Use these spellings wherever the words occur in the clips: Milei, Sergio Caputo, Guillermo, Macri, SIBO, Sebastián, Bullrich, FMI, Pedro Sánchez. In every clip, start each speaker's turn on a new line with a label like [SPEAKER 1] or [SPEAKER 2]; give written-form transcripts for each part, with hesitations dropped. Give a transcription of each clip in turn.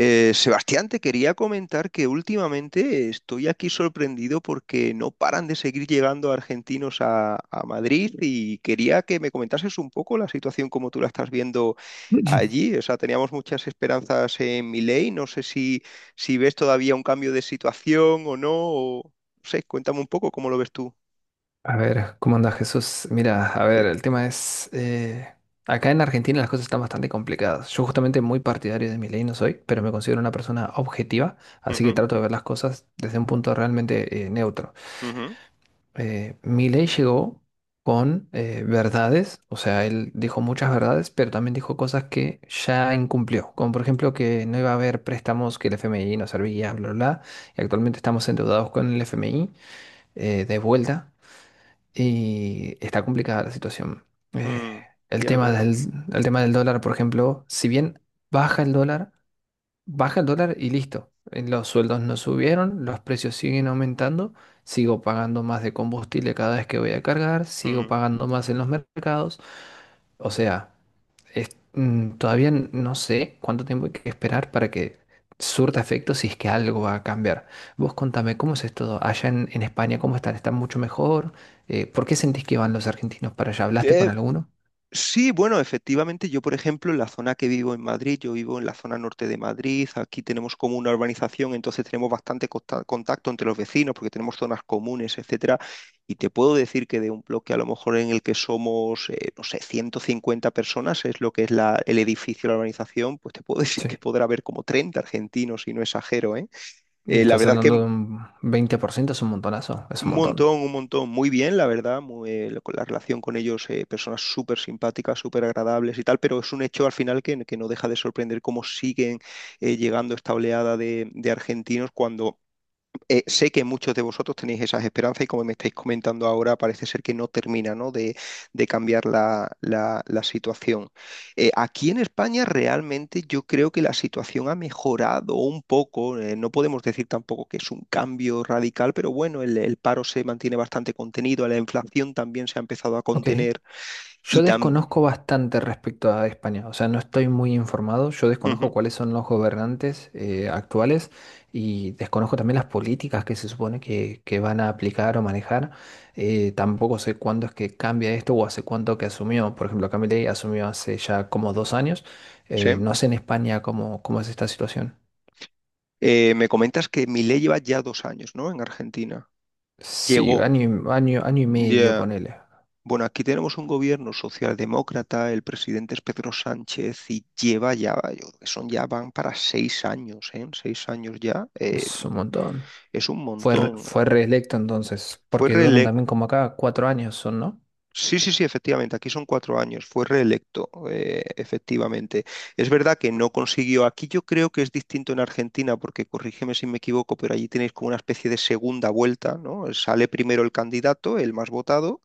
[SPEAKER 1] Sebastián, te quería comentar que últimamente estoy aquí sorprendido porque no paran de seguir llegando argentinos a Madrid y quería que me comentases un poco la situación como tú la estás viendo allí. O sea, teníamos muchas esperanzas en Milei. No sé si ves todavía un cambio de situación o no. O, no sé, cuéntame un poco cómo lo ves tú.
[SPEAKER 2] A ver, ¿cómo anda Jesús? Mira, a ver,
[SPEAKER 1] Que-
[SPEAKER 2] el tema es, acá en Argentina las cosas están bastante complicadas. Yo justamente muy partidario de mi ley no soy, pero me considero una persona objetiva, así que
[SPEAKER 1] Ujú,
[SPEAKER 2] trato de ver las cosas desde un punto realmente neutro.
[SPEAKER 1] ujú,
[SPEAKER 2] Milei llegó con verdades, o sea, él dijo muchas verdades, pero también dijo cosas que ya incumplió, como por ejemplo que no iba a haber préstamos, que el FMI no servía, bla, bla, bla, y actualmente estamos endeudados con el FMI de vuelta. Y está complicada la situación. Eh,
[SPEAKER 1] mm,
[SPEAKER 2] el
[SPEAKER 1] ya
[SPEAKER 2] tema
[SPEAKER 1] veo.
[SPEAKER 2] del, el tema del dólar, por ejemplo, si bien baja el dólar, baja el dólar y listo. Los sueldos no subieron, los precios siguen aumentando, sigo pagando más de combustible cada vez que voy a cargar, sigo
[SPEAKER 1] mm.
[SPEAKER 2] pagando más en los mercados. O sea no sé cuánto tiempo hay que esperar para que surta efecto si es que algo va a cambiar. Vos contame, ¿cómo es esto allá en España? ¿Cómo están? ¿Están mucho mejor? ¿Por qué sentís que van los argentinos para allá? ¿Hablaste con
[SPEAKER 1] Eh,
[SPEAKER 2] alguno?
[SPEAKER 1] Sí, bueno, efectivamente, yo por ejemplo, en la zona que vivo en Madrid, yo vivo en la zona norte de Madrid, aquí tenemos como una urbanización, entonces tenemos bastante contacto entre los vecinos porque tenemos zonas comunes, etcétera, y te puedo decir que de un bloque a lo mejor en el que somos, no sé, 150 personas, es lo que es el edificio, la urbanización, pues te puedo decir
[SPEAKER 2] Sí.
[SPEAKER 1] que podrá haber como 30 argentinos, si no exagero, ¿eh?
[SPEAKER 2] Y
[SPEAKER 1] La
[SPEAKER 2] estás
[SPEAKER 1] verdad
[SPEAKER 2] hablando
[SPEAKER 1] que
[SPEAKER 2] de un 20%, es un montonazo, es un
[SPEAKER 1] un
[SPEAKER 2] montón.
[SPEAKER 1] montón, un montón. Muy bien, la verdad. Muy, la relación con ellos, personas súper simpáticas, súper agradables y tal, pero es un hecho al final que no deja de sorprender cómo siguen llegando esta oleada de argentinos cuando sé que muchos de vosotros tenéis esas esperanzas y como me estáis comentando ahora, parece ser que no termina, ¿no? de, de cambiar la situación. Aquí en España realmente yo creo que la situación ha mejorado un poco. No podemos decir tampoco que es un cambio radical, pero bueno, el paro se mantiene bastante contenido, la inflación también se ha empezado a
[SPEAKER 2] Ok.
[SPEAKER 1] contener y
[SPEAKER 2] Yo
[SPEAKER 1] también...
[SPEAKER 2] desconozco bastante respecto a España, o sea, no estoy muy informado, yo desconozco cuáles son los gobernantes actuales y desconozco también las políticas que se supone que van a aplicar o manejar. Tampoco sé cuándo es que cambia esto o hace cuánto que asumió. Por ejemplo, Milei asumió hace ya como 2 años.
[SPEAKER 1] Sí.
[SPEAKER 2] No sé en España cómo, cómo es esta situación.
[SPEAKER 1] Me comentas que mi lleva ya 2 años, ¿no? En Argentina.
[SPEAKER 2] Sí,
[SPEAKER 1] Llegó.
[SPEAKER 2] año, año, 1 año y medio,
[SPEAKER 1] Ya,
[SPEAKER 2] ponele.
[SPEAKER 1] bueno, aquí tenemos un gobierno socialdemócrata, el presidente es Pedro Sánchez y lleva ya, yo creo que son ya van para 6 años, ¿eh? 6 años ya,
[SPEAKER 2] Es un montón.
[SPEAKER 1] es un
[SPEAKER 2] Fue,
[SPEAKER 1] montón.
[SPEAKER 2] fue reelecto entonces,
[SPEAKER 1] Fue
[SPEAKER 2] porque duran
[SPEAKER 1] reelecto.
[SPEAKER 2] también como acá 4 años, son, ¿no?
[SPEAKER 1] Sí, sí, sí, efectivamente, aquí son 4 años, fue reelecto, efectivamente. Es verdad que no consiguió, aquí yo creo que es distinto en Argentina, porque corrígeme si me equivoco, pero allí tenéis como una especie de segunda vuelta, ¿no? Sale primero el candidato, el más votado,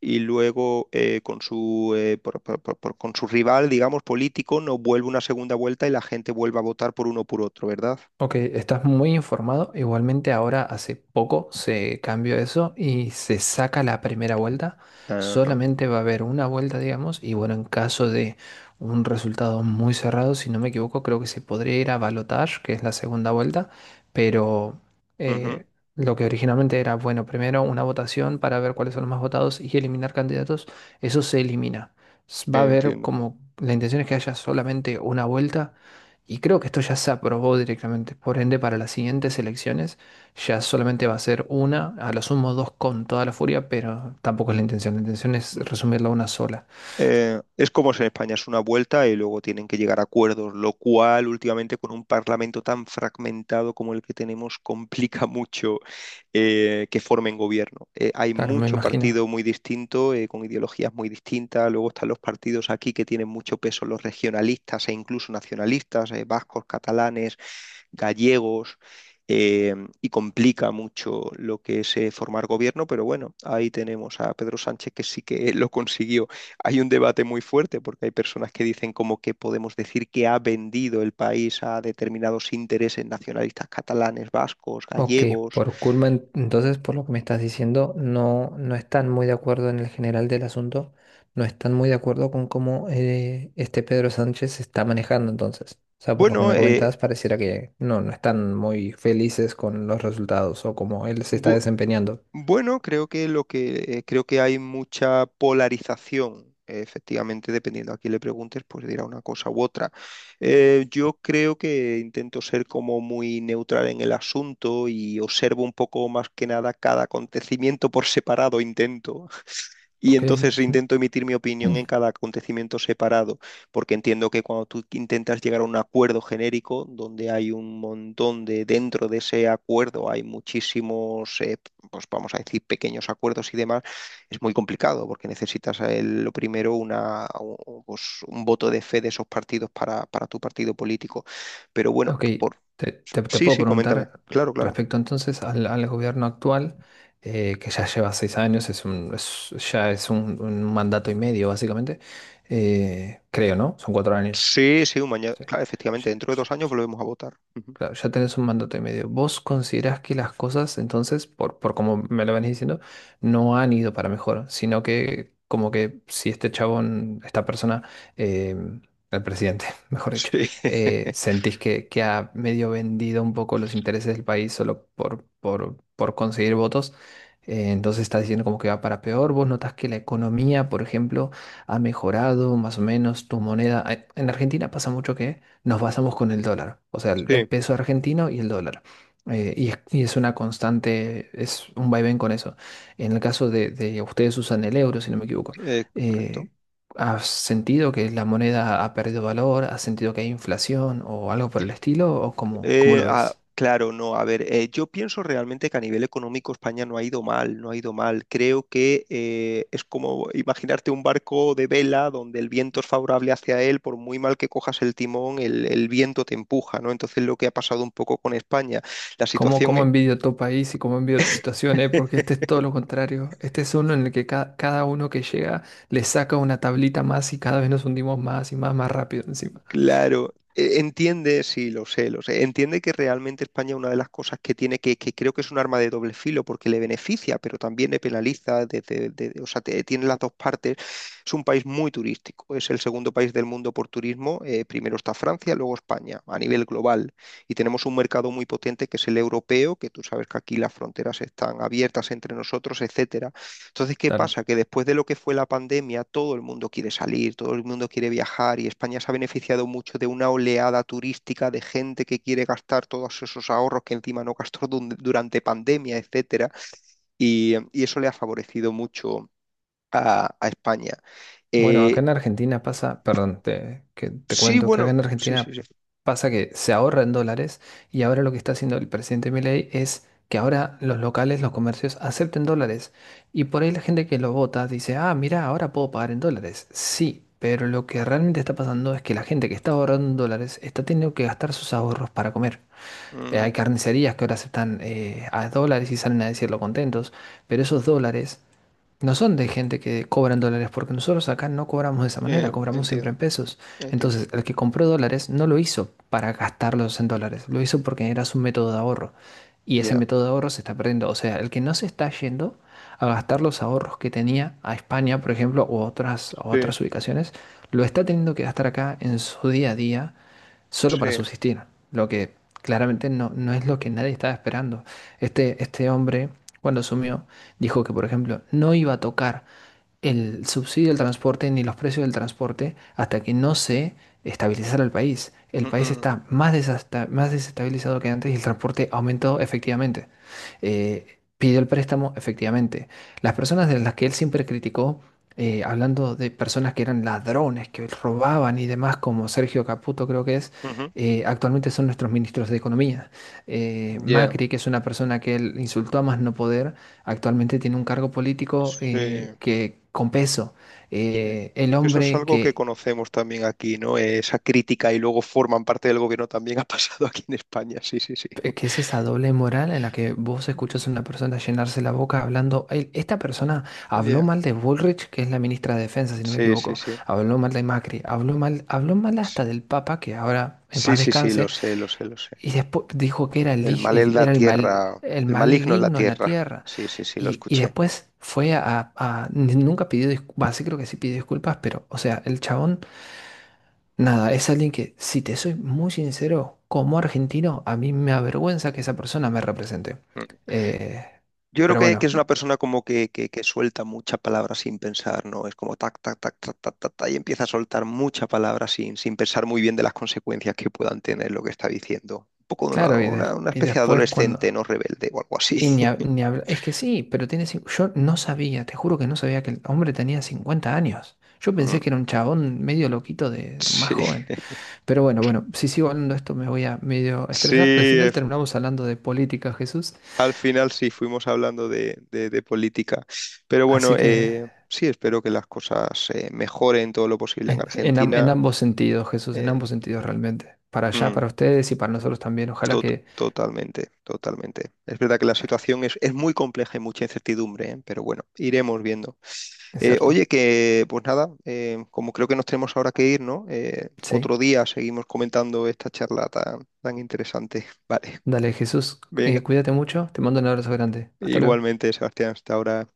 [SPEAKER 1] y luego con su, con su rival, digamos, político, no vuelve una segunda vuelta y la gente vuelve a votar por uno o por otro, ¿verdad?
[SPEAKER 2] Ok, estás muy informado. Igualmente ahora hace poco se cambió eso y se saca la primera vuelta.
[SPEAKER 1] Ajá,
[SPEAKER 2] Solamente va a haber una vuelta, digamos, y bueno, en caso de un resultado muy cerrado, si no me equivoco, creo que se podría ir a balotage, que es la segunda vuelta, pero
[SPEAKER 1] ujú,
[SPEAKER 2] eh, lo que originalmente era, bueno, primero una votación para ver cuáles son los más votados y eliminar candidatos, eso se elimina. Va a haber
[SPEAKER 1] entiendo.
[SPEAKER 2] como, la intención es que haya solamente una vuelta y creo que esto ya se aprobó directamente. Por ende, para las siguientes elecciones ya solamente va a ser una, a lo sumo dos con toda la furia, pero tampoco es la intención. La intención es resumirla a una sola.
[SPEAKER 1] Es como si en España es una vuelta y luego tienen que llegar a acuerdos, lo cual últimamente con un parlamento tan fragmentado como el que tenemos complica mucho que formen gobierno. Hay
[SPEAKER 2] Claro, me
[SPEAKER 1] mucho
[SPEAKER 2] imagino.
[SPEAKER 1] partido muy distinto, con ideologías muy distintas, luego están los partidos aquí que tienen mucho peso, los regionalistas e incluso nacionalistas, vascos, catalanes, gallegos. eh, y complica mucho lo que es formar gobierno, pero bueno, ahí tenemos a Pedro Sánchez que sí que lo consiguió. Hay un debate muy fuerte porque hay personas que dicen como que podemos decir que ha vendido el país a determinados intereses nacionalistas catalanes, vascos,
[SPEAKER 2] Ok,
[SPEAKER 1] gallegos.
[SPEAKER 2] por culpa, entonces, por lo que me estás diciendo, no, no están muy de acuerdo en el general del asunto, no están muy de acuerdo con cómo este Pedro Sánchez se está manejando entonces. O sea, por lo que
[SPEAKER 1] Bueno,
[SPEAKER 2] me comentabas, pareciera que no, no están muy felices con los resultados o cómo él se está
[SPEAKER 1] bu-
[SPEAKER 2] desempeñando.
[SPEAKER 1] bueno, creo que lo que creo que hay mucha polarización. Efectivamente, dependiendo a quién le preguntes, pues dirá una cosa u otra. Yo creo que intento ser como muy neutral en el asunto y observo un poco más que nada cada acontecimiento por separado, intento. Y
[SPEAKER 2] Ok,
[SPEAKER 1] entonces intento emitir mi opinión en cada acontecimiento separado, porque entiendo que cuando tú intentas llegar a un acuerdo genérico, donde hay un montón de, dentro de ese acuerdo hay muchísimos, pues vamos a decir, pequeños acuerdos y demás, es muy complicado, porque necesitas lo primero una, pues, un voto de fe de esos partidos para tu partido político. Pero bueno,
[SPEAKER 2] ok,
[SPEAKER 1] por...
[SPEAKER 2] te
[SPEAKER 1] sí,
[SPEAKER 2] puedo
[SPEAKER 1] sí, coméntame.
[SPEAKER 2] preguntar
[SPEAKER 1] Claro, claro.
[SPEAKER 2] respecto entonces al gobierno actual, que ya lleva 6 años, ya es un mandato y medio básicamente, creo, ¿no? Son 4 años.
[SPEAKER 1] Sí, sí, un mañana.
[SPEAKER 2] Sí.
[SPEAKER 1] Claro, efectivamente, dentro de 2 años volvemos a votar. Ujú.
[SPEAKER 2] Claro, ya tenés un mandato y medio. ¿Vos considerás que las cosas, entonces, por como me lo venís diciendo, no han ido para mejor, sino que como que si este chabón, esta persona, eh, el presidente, mejor dicho,
[SPEAKER 1] Sí.
[SPEAKER 2] sentís que ha medio vendido un poco los intereses del país solo por conseguir votos, entonces estás diciendo como que va para peor. ¿Vos notás que la economía, por ejemplo, ha mejorado más o menos tu moneda? En Argentina pasa mucho que nos basamos con el dólar, o sea, el
[SPEAKER 1] Sí.
[SPEAKER 2] peso argentino y el dólar. Y es una constante, es un vaivén con eso. En el caso de ustedes usan el euro, si no me equivoco.
[SPEAKER 1] Correcto.
[SPEAKER 2] Eh, ¿Has sentido que la moneda ha perdido valor? ¿Has sentido que hay inflación o algo por el estilo? ¿O cómo, cómo lo ves?
[SPEAKER 1] Claro, no, a ver, yo pienso realmente que a nivel económico España no ha ido mal, no ha ido mal. Creo que es como imaginarte un barco de vela donde el viento es favorable hacia él, por muy mal que cojas el timón, el viento te empuja, ¿no? Entonces lo que ha pasado un poco con España, la
[SPEAKER 2] ¿Cómo,
[SPEAKER 1] situación...
[SPEAKER 2] cómo
[SPEAKER 1] e
[SPEAKER 2] envidio tu país y cómo envidio tu situación, eh? Porque este es todo lo contrario. Este es uno en el que cada uno que llega le saca una tablita más y cada vez nos hundimos más y más, más rápido encima.
[SPEAKER 1] Claro, entiende, sí, lo sé, lo sé. Entiende que realmente España una de las cosas que tiene que creo que es un arma de doble filo porque le beneficia, pero también le penaliza, desde, o sea, tiene las dos partes. Es un país muy turístico, es el segundo país del mundo por turismo. Primero está Francia, luego España, a nivel global. Y tenemos un mercado muy potente que es el europeo, que tú sabes que aquí las fronteras están abiertas entre nosotros, etcétera. Entonces, ¿qué pasa? Que después de lo que fue la pandemia, todo el mundo quiere salir, todo el mundo quiere viajar y España se ha beneficiado mucho de una oleada turística de gente que quiere gastar todos esos ahorros que encima no gastó durante pandemia, etcétera, y eso le ha favorecido mucho a España.
[SPEAKER 2] Bueno, acá
[SPEAKER 1] Eh,
[SPEAKER 2] en Argentina pasa, perdón, te, que te
[SPEAKER 1] sí,
[SPEAKER 2] cuento que acá
[SPEAKER 1] bueno,
[SPEAKER 2] en
[SPEAKER 1] sí, sí,
[SPEAKER 2] Argentina
[SPEAKER 1] sí.
[SPEAKER 2] pasa que se ahorra en dólares y ahora lo que está haciendo el presidente Milei es que ahora los locales, los comercios acepten dólares y por ahí la gente que lo vota dice, ah, mira, ahora puedo pagar en dólares. Sí, pero lo que realmente está pasando es que la gente que está ahorrando en dólares está teniendo que gastar sus ahorros para comer. Hay
[SPEAKER 1] Mm,
[SPEAKER 2] carnicerías que ahora aceptan a dólares y salen a decirlo contentos, pero esos dólares no son de gente que cobran dólares, porque nosotros acá no cobramos de esa manera, cobramos siempre
[SPEAKER 1] entiendo,
[SPEAKER 2] en pesos.
[SPEAKER 1] entiendo.
[SPEAKER 2] Entonces, el que compró dólares no lo hizo para gastarlos en dólares, lo hizo porque era su método de ahorro. Y ese
[SPEAKER 1] Ya.
[SPEAKER 2] método de ahorro se está perdiendo. O sea, el que no se está yendo a gastar los ahorros que tenía a España, por ejemplo, o otras, a
[SPEAKER 1] Sí,
[SPEAKER 2] otras ubicaciones, lo está teniendo que gastar acá en su día a día solo para
[SPEAKER 1] sí.
[SPEAKER 2] subsistir, lo que claramente no, no es lo que nadie estaba esperando. Este hombre, cuando asumió, dijo que, por ejemplo, no iba a tocar el subsidio del
[SPEAKER 1] Mm,
[SPEAKER 2] transporte ni los precios del transporte hasta que no se estabilizara el país. El
[SPEAKER 1] mm,
[SPEAKER 2] país
[SPEAKER 1] mm,
[SPEAKER 2] está más más desestabilizado que antes y el transporte aumentó efectivamente. Pidió el préstamo efectivamente. Las personas de las que él siempre criticó, hablando de personas que eran ladrones, que robaban y demás, como Sergio Caputo creo que es,
[SPEAKER 1] mm, ujú.
[SPEAKER 2] actualmente son nuestros ministros de Economía.
[SPEAKER 1] Ya.
[SPEAKER 2] Macri, que es una persona que él insultó a más no poder, actualmente tiene un cargo político
[SPEAKER 1] Sí.
[SPEAKER 2] con peso.
[SPEAKER 1] Sí.
[SPEAKER 2] El
[SPEAKER 1] Sí, eso es
[SPEAKER 2] hombre
[SPEAKER 1] algo que conocemos también aquí, ¿no? Esa crítica y luego forman parte del gobierno también ha pasado aquí en España. Sí, sí, sí.
[SPEAKER 2] que es esa doble moral en la que vos escuchás
[SPEAKER 1] Sí.
[SPEAKER 2] a una persona llenarse la boca hablando. Esta persona habló
[SPEAKER 1] Ya,
[SPEAKER 2] mal de Bullrich, que es la ministra de Defensa, si no me
[SPEAKER 1] sí, sí,
[SPEAKER 2] equivoco.
[SPEAKER 1] sí.
[SPEAKER 2] Habló mal de Macri, habló mal
[SPEAKER 1] S-
[SPEAKER 2] hasta del Papa, que ahora en
[SPEAKER 1] Sí,
[SPEAKER 2] paz
[SPEAKER 1] sí, sí, lo
[SPEAKER 2] descanse.
[SPEAKER 1] sé, lo sé, lo sé.
[SPEAKER 2] Y después dijo que era
[SPEAKER 1] El mal en la
[SPEAKER 2] era el mal,
[SPEAKER 1] tierra,
[SPEAKER 2] el
[SPEAKER 1] el maligno en la
[SPEAKER 2] maligno en la
[SPEAKER 1] tierra.
[SPEAKER 2] tierra.
[SPEAKER 1] Sí, sí, sí, lo
[SPEAKER 2] Y
[SPEAKER 1] escuché.
[SPEAKER 2] después fue nunca pidió disculpas. Sí, creo que sí pidió disculpas, pero, o sea, el chabón, nada, es alguien que, si te soy muy sincero, como argentino, a mí me avergüenza que esa persona me represente.
[SPEAKER 1] Mm.
[SPEAKER 2] Eh,
[SPEAKER 1] Yo creo
[SPEAKER 2] pero
[SPEAKER 1] que
[SPEAKER 2] bueno,
[SPEAKER 1] es una persona como que, que suelta mucha palabra sin pensar, ¿no? Es como tac, tac, tac, tac, tac, tac, tac, y empieza a soltar mucha palabra sin, sin pensar muy bien de las consecuencias que puedan tener lo que está diciendo. Un poco de
[SPEAKER 2] claro, y,
[SPEAKER 1] una
[SPEAKER 2] y
[SPEAKER 1] especie de
[SPEAKER 2] después
[SPEAKER 1] adolescente
[SPEAKER 2] cuando.
[SPEAKER 1] no rebelde o algo
[SPEAKER 2] Y
[SPEAKER 1] así.
[SPEAKER 2] ni, hab- ni habl- Es que sí, pero tiene... yo no sabía, te juro que no sabía que el hombre tenía 50 años. Yo
[SPEAKER 1] Mm,
[SPEAKER 2] pensé que era un chabón medio loquito de más
[SPEAKER 1] sí,
[SPEAKER 2] joven. Pero bueno, bueno, si sigo hablando de esto me voy a medio estresar. Al
[SPEAKER 1] sí,
[SPEAKER 2] final
[SPEAKER 1] ef-
[SPEAKER 2] terminamos hablando de política, Jesús.
[SPEAKER 1] al final sí fuimos hablando de, de política. Pero bueno,
[SPEAKER 2] Así que
[SPEAKER 1] sí, espero que las cosas mejoren todo lo posible en
[SPEAKER 2] en
[SPEAKER 1] Argentina.
[SPEAKER 2] ambos sentidos, Jesús, en
[SPEAKER 1] Eh,
[SPEAKER 2] ambos sentidos realmente. Para allá,
[SPEAKER 1] mm.
[SPEAKER 2] para ustedes y para nosotros también. Ojalá que...
[SPEAKER 1] Totalmente, totalmente. Es verdad que la situación es muy compleja y mucha incertidumbre, ¿eh? Pero bueno, iremos viendo.
[SPEAKER 2] Es cierto.
[SPEAKER 1] Oye, que pues nada, como creo que nos tenemos ahora que ir, ¿no? Otro
[SPEAKER 2] Sí.
[SPEAKER 1] día seguimos comentando esta charla tan, tan interesante. Vale,
[SPEAKER 2] Dale, Jesús,
[SPEAKER 1] venga,
[SPEAKER 2] cuídate mucho. Te mando un abrazo grande. Hasta luego.
[SPEAKER 1] igualmente, Sebastián, hasta ahora.